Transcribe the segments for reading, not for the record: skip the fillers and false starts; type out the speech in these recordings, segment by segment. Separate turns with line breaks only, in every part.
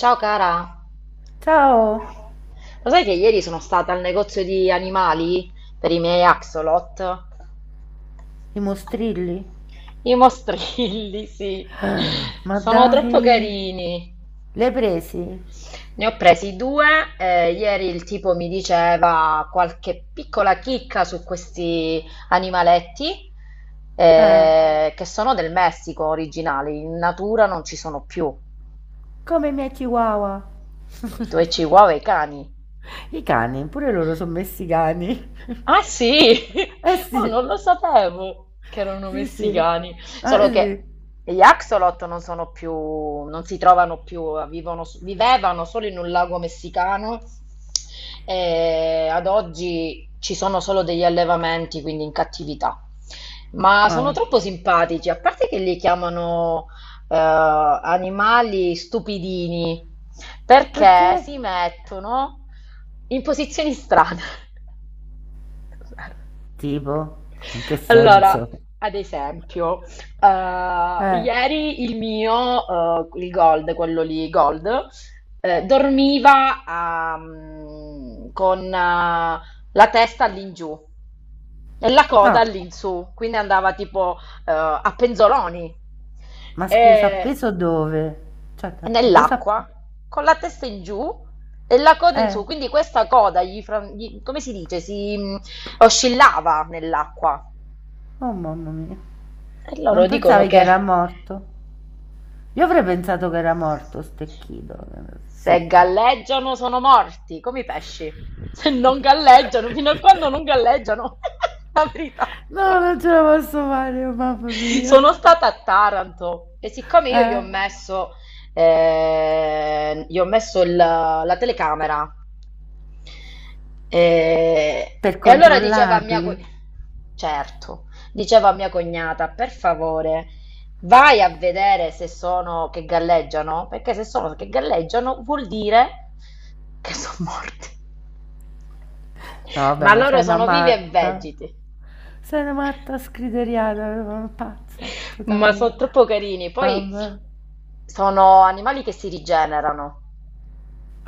Ciao cara,
Ciao,
lo sai che ieri sono stata al negozio di animali per i miei axolot?
i mostrilli?
I mostrilli, sì,
Ma
sono troppo
dai,
carini.
l'hai presi?
Ne ho presi due, ieri il tipo mi diceva qualche piccola chicca su questi animaletti,
Eh,
che sono del Messico originali, in natura non ci sono più.
Come i miei chihuahua.
I tuoi chihuahua e i cani.
I cani, pure loro sono messi cani.
Ah sì,
Eh sì,
oh, non lo sapevo che erano
sì sì,
messicani,
eh
solo che
sì.
gli axolot non sono più, non si trovano più, vivevano solo in un lago messicano e ad oggi ci sono solo degli allevamenti, quindi in cattività. Ma sono
Ah,
troppo simpatici, a parte che li chiamano animali stupidini, perché
perché?
si mettono in posizioni strane.
Tipo, in che
Allora,
senso?
ad esempio,
Eh,
ieri il Gold, quello lì, Gold, dormiva con la testa all'ingiù e la coda
no,
all'insù, quindi andava tipo a penzoloni.
Ma scusa,
E
appeso dove? Cioè, dove s'ha...
nell'acqua con la testa in giù e la coda in
Eh,
su, quindi questa coda gli, come si dice, si oscillava nell'acqua.
oh mamma mia,
E
non
loro dicono
pensavi che era
che
morto? Io avrei pensato che era morto, stecchito,
se
secco.
galleggiano sono morti, come i pesci. Se non galleggiano, fino a quando non galleggiano, la verità.
No, non ce la posso fare, oh, mamma mia.
Sono stata a Taranto e siccome io
Eh?
gli ho messo la telecamera. E,
Per
e allora diceva
controllarli.
certo, diceva a mia cognata, per favore, vai a vedere se sono che galleggiano, perché se sono che galleggiano vuol dire che sono morti.
No, vabbè,
Ma
ma
loro
sei una
sono vivi e
matta.
vegeti,
Sei una matta scriteriata, una pazza
ma
totale.
sono troppo carini. Poi
Vabbè.
sono animali che si rigenerano.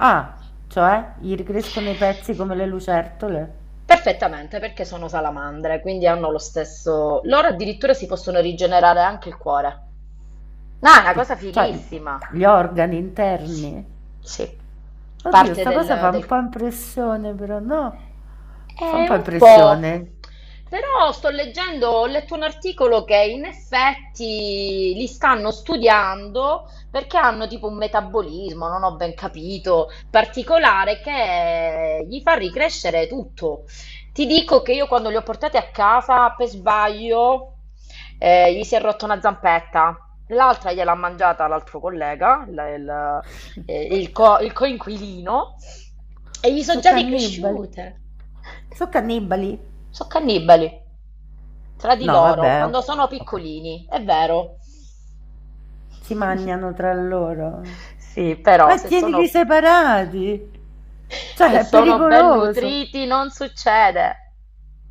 Ah, cioè, gli ricrescono i pezzi come le lucertole?
Perfettamente, perché sono salamandre, quindi hanno lo stesso... Loro addirittura si possono rigenerare anche il cuore. No, è una cosa
Cioè,
fighissima.
gli organi
Sì.
interni?
Sì.
Oddio,
Parte
sta cosa
del,
fa un
del-
po' impressione, però no? Fa un
è
po'
un po',
impressione.
però sto leggendo, ho letto un articolo che in effetti li stanno studiando perché hanno tipo un metabolismo, non ho ben capito, particolare che gli fa ricrescere tutto. Ti dico che io quando li ho portati a casa per sbaglio gli si è rotta una zampetta. L'altra gliel'ha mangiata l'altro collega, il- il coinquilino, e gli sono
So
già
cannibali.
ricresciute.
So cannibali?
So' cannibali tra di
No,
loro
vabbè, o-
quando sono
Ok.
piccolini, è vero.
Si mangiano tra loro.
Sì, però
Ma tienili separati.
se
Cioè, è
sono ben
pericoloso.
nutriti non succede.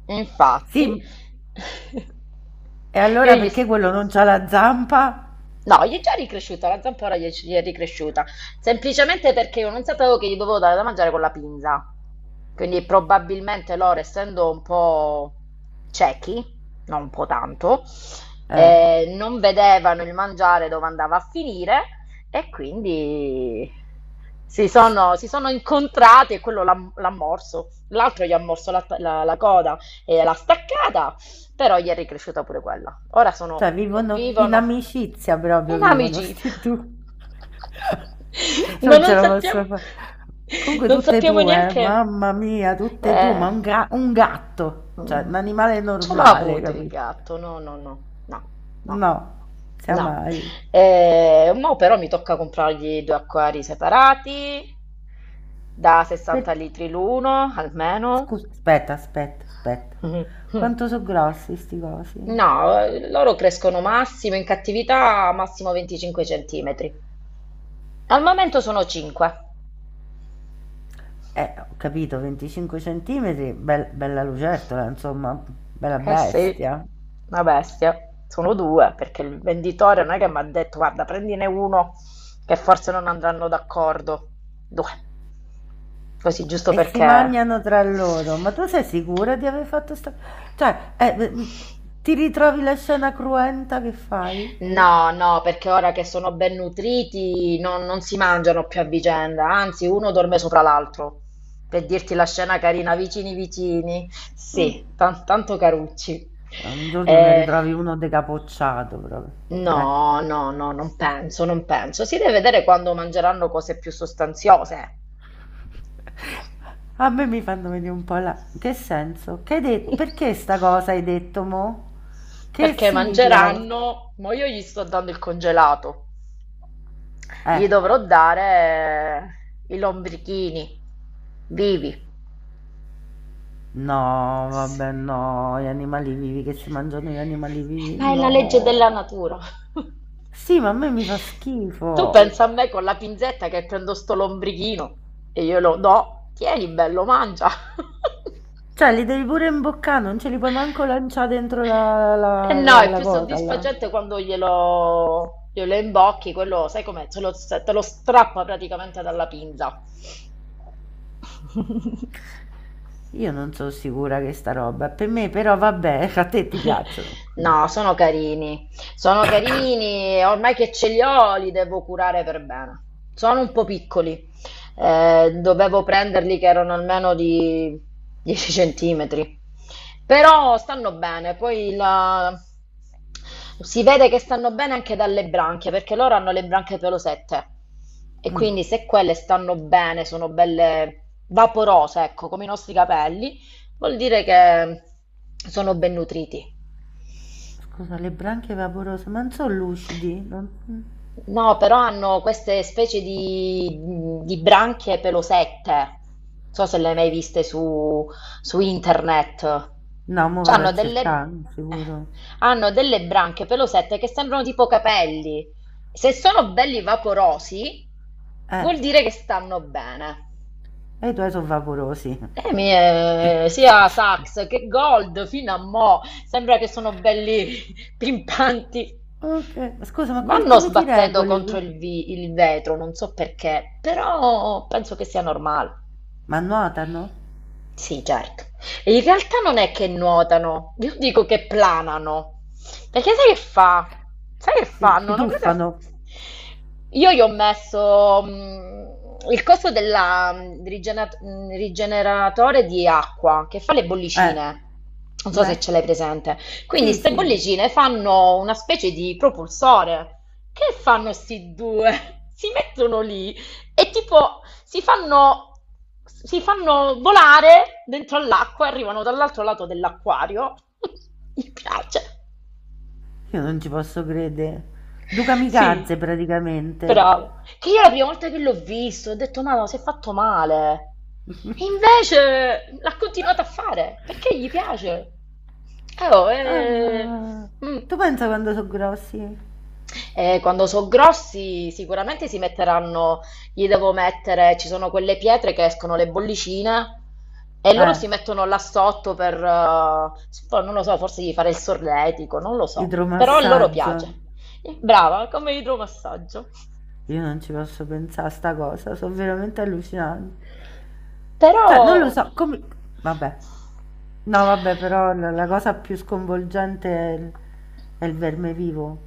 Infatti,
Sì, e
io
allora
gli...
perché quello non c'ha la zampa?
No, gli è già ricresciuta, la zampora gli è ricresciuta, semplicemente perché io non sapevo che gli dovevo dare da mangiare con la pinza. Quindi probabilmente loro, essendo un po' ciechi, non un po' tanto,
Eh,
non vedevano il mangiare dove andava a finire e quindi si sono incontrati e quello l'ha morso, l'altro gli ha morso la coda e l'ha staccata però gli è ricresciuta pure quella. Ora
cioè vivono in
convivono
amicizia proprio,
in
vivono
amicizia.
sti due.
Ma
Non ce la posso fare. Comunque
non
tutte e
sappiamo
due,
neanche.
mamma mia, tutte e due,
Eh,
ma un gatto, cioè
mm,
un animale
ce l'ho
normale,
avuto il
capito?
gatto, no, no, no, no, no,
No, sia
no.
mai.
Mo però mi tocca comprargli due acquari separati da
Per-
60 litri l'uno, almeno.
Scusa, aspetta. Quanto sono grossi sti cosi?
No, loro crescono massimo in cattività massimo 25 centimetri. Al momento sono 5.
Ho capito, 25 centimetri, bella lucertola, insomma, bella
Eh sì,
bestia.
una bestia. Sono due perché il venditore non è che mi ha detto, guarda, prendine uno che forse non andranno d'accordo. Due, così giusto
E si
perché...
mangiano tra loro. Ma tu sei sicura di aver fatto sta... Cioè, ti ritrovi la scena cruenta che fai?
No, no, perché ora che sono ben nutriti non si mangiano più a vicenda, anzi uno dorme sopra l'altro. Per dirti la scena carina, vicini vicini.
Mm.
Sì, tanto carucci.
Un giorno ne
Eh,
ritrovi uno decapocciato proprio. Dai.
no, no, no, non penso, non penso. Si deve vedere quando mangeranno cose più sostanziose.
A me mi fanno venire un po' la in che senso? Che hai detto? Perché sta cosa hai detto mo? Che
Perché
significa la cosa?
mangeranno, ma io gli sto dando il congelato.
Eh,
Gli dovrò dare i lombrichini vivi.
no,
S-
no, gli animali vivi che si mangiano gli animali vivi,
Ma è la legge della
no.
natura.
Sì, ma a me mi fa
Tu
schifo.
pensa a me con la pinzetta che prendo sto lombrichino e io lo do, tieni bello, mangia.
Cioè, li devi pure imboccare, non ce li puoi manco lanciare dentro
E no, è
la
più
cosa là.
soddisfacente quando glielo imbocchi, quello, sai com'è, te lo strappa praticamente dalla pinza.
Io non sono sicura che sta roba, è per me però vabbè, a te ti piacciono. Quindi.
No, sono carini, e ormai che ce li ho li devo curare per bene. Sono un po' piccoli, dovevo prenderli che erano almeno di 10 centimetri, però stanno bene, si vede che stanno bene anche dalle branchie, perché loro hanno le branchie pelosette e
Mm.
quindi se quelle stanno bene, sono belle vaporose, ecco, come i nostri capelli, vuol dire che sono ben nutriti.
Scusa, le branchie vaporose, ma non sono lucidi? Non-
No, però hanno queste specie di branchie pelosette. Non so se le hai mai viste su internet.
No, mo
Cioè,
vado
hanno
a
No, delle,
cercare,
eh,
sicuro.
hanno delle branchie pelosette che sembrano tipo capelli. Se sono belli vaporosi,
Eh,
vuol dire che stanno bene.
e i tuoi sono vaporosi.
Sia Sax che Gold fino a mo' sembra che sono belli pimpanti.
Ok, ma scusa,
Vanno
come ti
sbattendo
regoli?
contro il vetro, non so perché, però penso che sia normale.
Ma nuotano?
Sì, certo. E in realtà non è che nuotano, io dico che planano. Perché sai che fa? Sai che
Si,
fanno?
si
Una cosa...
tuffano?
Io gli ho messo il coso del rigeneratore di acqua che fa le
Eh,
bollicine. Non so
beh,
se ce l'hai presente. Quindi
sì,
ste
sì,
bollicine fanno una specie di propulsore. Che fanno sti due? Si mettono lì e tipo si fanno volare dentro all'acqua e arrivano dall'altro lato dell'acquario. Mi piace.
io non ci posso credere. Due kamikaze
Sì,
praticamente.
bravo. Che io la prima volta che l'ho visto ho detto, ma si è fatto male. E invece l'ha continuato a fare perché gli piace. Eh, oh, eh,
Ah,
mm.
tu pensa quando sono grossi?
Quando sono grossi sicuramente si metteranno, gli devo mettere, ci sono quelle pietre che escono le bollicine e loro
Eh,
si mettono là sotto per, poi non lo so, forse gli fare il solletico, non lo so, però a loro
idromassaggio.
piace. Brava, come idromassaggio.
Io non ci posso pensare a sta cosa, sono veramente allucinante. Cioè, non lo
Però...
so, come... Vabbè. No, vabbè, però la cosa più sconvolgente è è il verme vivo.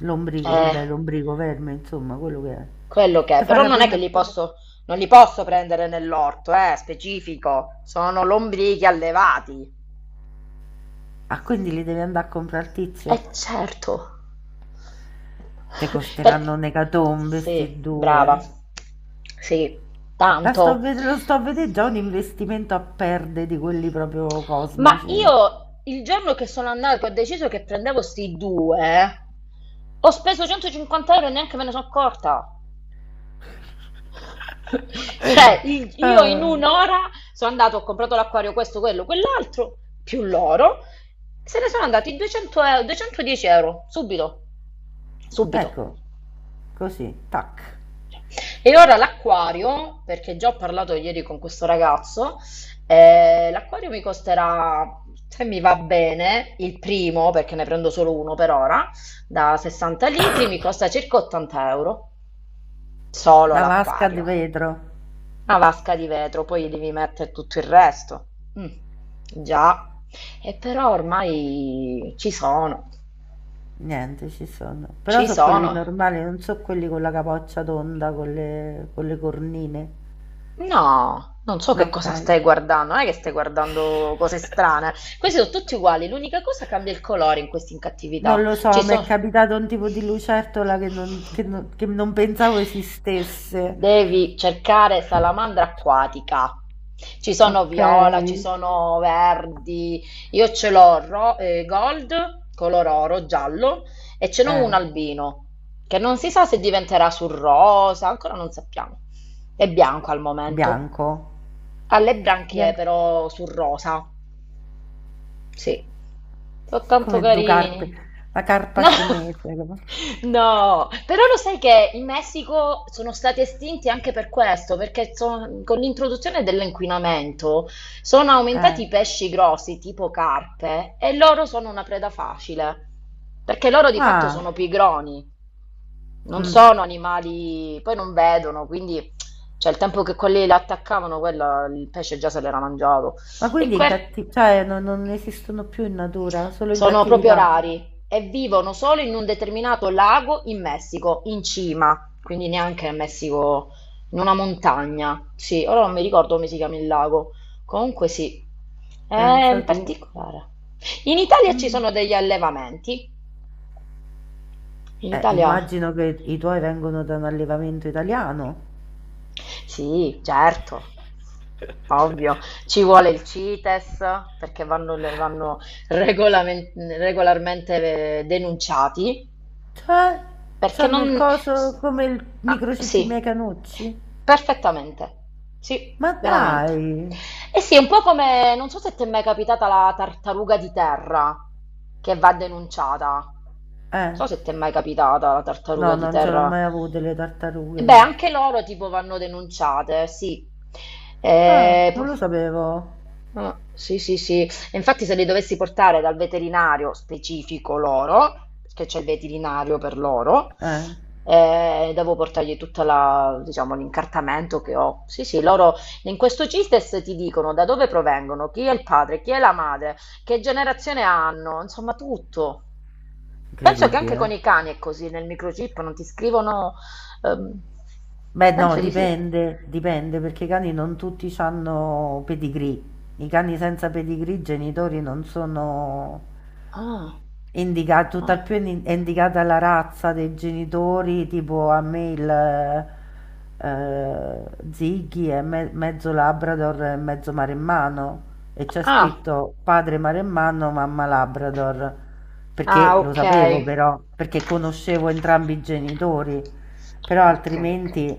L'ombrico,
Eh,
vabbè, l'ombrico, verme, insomma, quello che è.
Quello che
Ti
è,
fa
però
la
non è che
pena...
li posso, non li posso prendere nell'orto, specifico, sono lombrichi allevati.
Ah, quindi li devi andare a comprare al
Eh
tizio?
certo.
Te
Perché...
costeranno un'ecatombe, sti
Sì, brava.
due.
Sì,
La sto a
tanto.
ved- Lo sto a vedere già un investimento a perde di quelli proprio
Ma
cosmici.
io il giorno che sono andato che ho deciso che prendevo sti due, ho speso 150 euro e neanche me ne sono accorta. Cioè, io in
Eh,
un'ora sono andato, ho comprato l'acquario, questo, quello, quell'altro, più l'oro, se ne sono andati 200 euro, 210 euro, subito, subito.
ecco, così, tac.
E ora l'acquario, perché già ho parlato ieri con questo ragazzo, l'acquario mi costerà, se mi va bene, il primo, perché ne prendo solo uno per ora, da 60 litri, mi costa circa 80 euro, solo
Una vasca di
l'acquario.
vetro.
Una vasca di vetro, poi gli devi mettere tutto il resto. Mm, già, e però ormai ci sono,
Niente, ci sono. Però
ci
sono quelli
sono.
normali, non so quelli con la capoccia tonda, con con le cornine.
No, non so
No,
che
ok.
cosa stai guardando, non è che stai guardando cose strane. Questi sono tutti uguali, l'unica cosa cambia il colore in questa
Non
incattività.
lo so,
Ci
mi è
sono...
capitato un tipo di lucertola che non pensavo esistesse.
Devi cercare salamandra acquatica. Ci sono
Ok.
viola, ci sono verdi. Io ce l'ho Gold, color oro, giallo, e ce n'ho un
Eh,
albino, che non si sa se diventerà sul rosa, ancora non sappiamo. È bianco al momento.
bianco.
Ha le branchie
Bianco
però sul rosa. Sì, sono tanto
come due carpe.
carini.
La carpa
No,
cinese. Come-
no, però lo sai che in Messico sono stati estinti anche per questo, perché con l'introduzione dell'inquinamento sono
Eh.
aumentati i pesci grossi tipo carpe e loro sono una preda facile, perché loro di fatto
Ah.
sono pigroni. Non
Mm.
sono animali, poi non vedono, quindi cioè, il tempo che quelli la attaccavano, quella, il pesce già se l'era mangiato.
Ma
E
quindi in
que-
cattività, cioè non esistono più in natura, solo in
Sono proprio
cattività.
rari e vivono solo in un determinato lago in Messico, in cima, quindi neanche in Messico, in una montagna. Sì, ora non mi ricordo come si chiama il lago. Comunque sì, è in
Pensa tu.
particolare. In Italia ci
Mm.
sono degli allevamenti. In Italia...
Immagino che i tuoi vengono da un allevamento italiano.
Sì, certo, ovvio. Ci vuole il CITES perché vanno regolamen- regolarmente denunciati,
Cioè,
perché
c'hanno
non...
il coso come il
Ah,
microchip i miei
sì,
canucci?
perfettamente. Sì,
Ma
veramente.
dai!
E sì, è un po' come, non so se ti è mai capitata la tartaruga di terra che va denunciata. Non
Eh,
so se ti è mai capitata la
no,
tartaruga di
non ce l'ho
terra
mai avuto le
e
tartarughe,
beh,
no.
anche loro tipo vanno denunciate, sì.
Ah,
Eh,
non
p-
lo sapevo.
sì, sì, sì. E infatti se li dovessi portare dal veterinario specifico loro, perché c'è il veterinario per loro,
Eh,
devo portargli tutta la, diciamo, l'incartamento che ho. Sì, sì, loro in questo CITES ti dicono da dove provengono, chi è il padre, chi è la madre, che generazione hanno, insomma tutto. Penso che
incredibile.
anche con
Eh.
i cani è così, nel microchip non ti scrivono... ehm,
Beh, no,
penso di sì.
dipende, perché i cani non tutti hanno pedigree. I cani senza pedigree, i genitori non sono
Ah,
indica, tutt'al
ah,
più è indicata la razza dei genitori, tipo a me il eh, Ziggy è mezzo Labrador e mezzo maremmano e c'è
ah,
scritto padre maremmano, mamma Labrador, perché
ah,
lo
ok.
sapevo però, perché conoscevo entrambi i genitori, però
Ok, ok.
altrimenti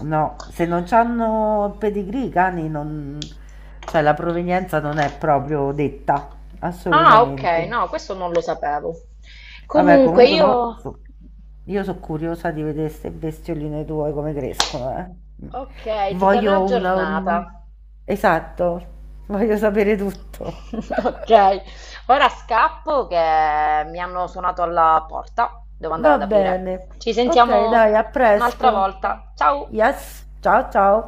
no, se non hanno il pedigree i cani non... cioè la provenienza non è proprio detta,
Ah, ok,
assolutamente.
no, questo non lo sapevo.
Vabbè,
Comunque io...
io sono curiosa di vedere queste bestioline tue come crescono, eh.
Ok, ti terrò
Voglio una... un-
aggiornata.
Esatto, voglio sapere tutto.
Ok, ora scappo che mi hanno suonato alla porta. Devo andare
Va
ad aprire.
bene.
Ci
Ok, dai,
sentiamo
a
un'altra
presto.
volta. Ciao!
Yes, ciao ciao.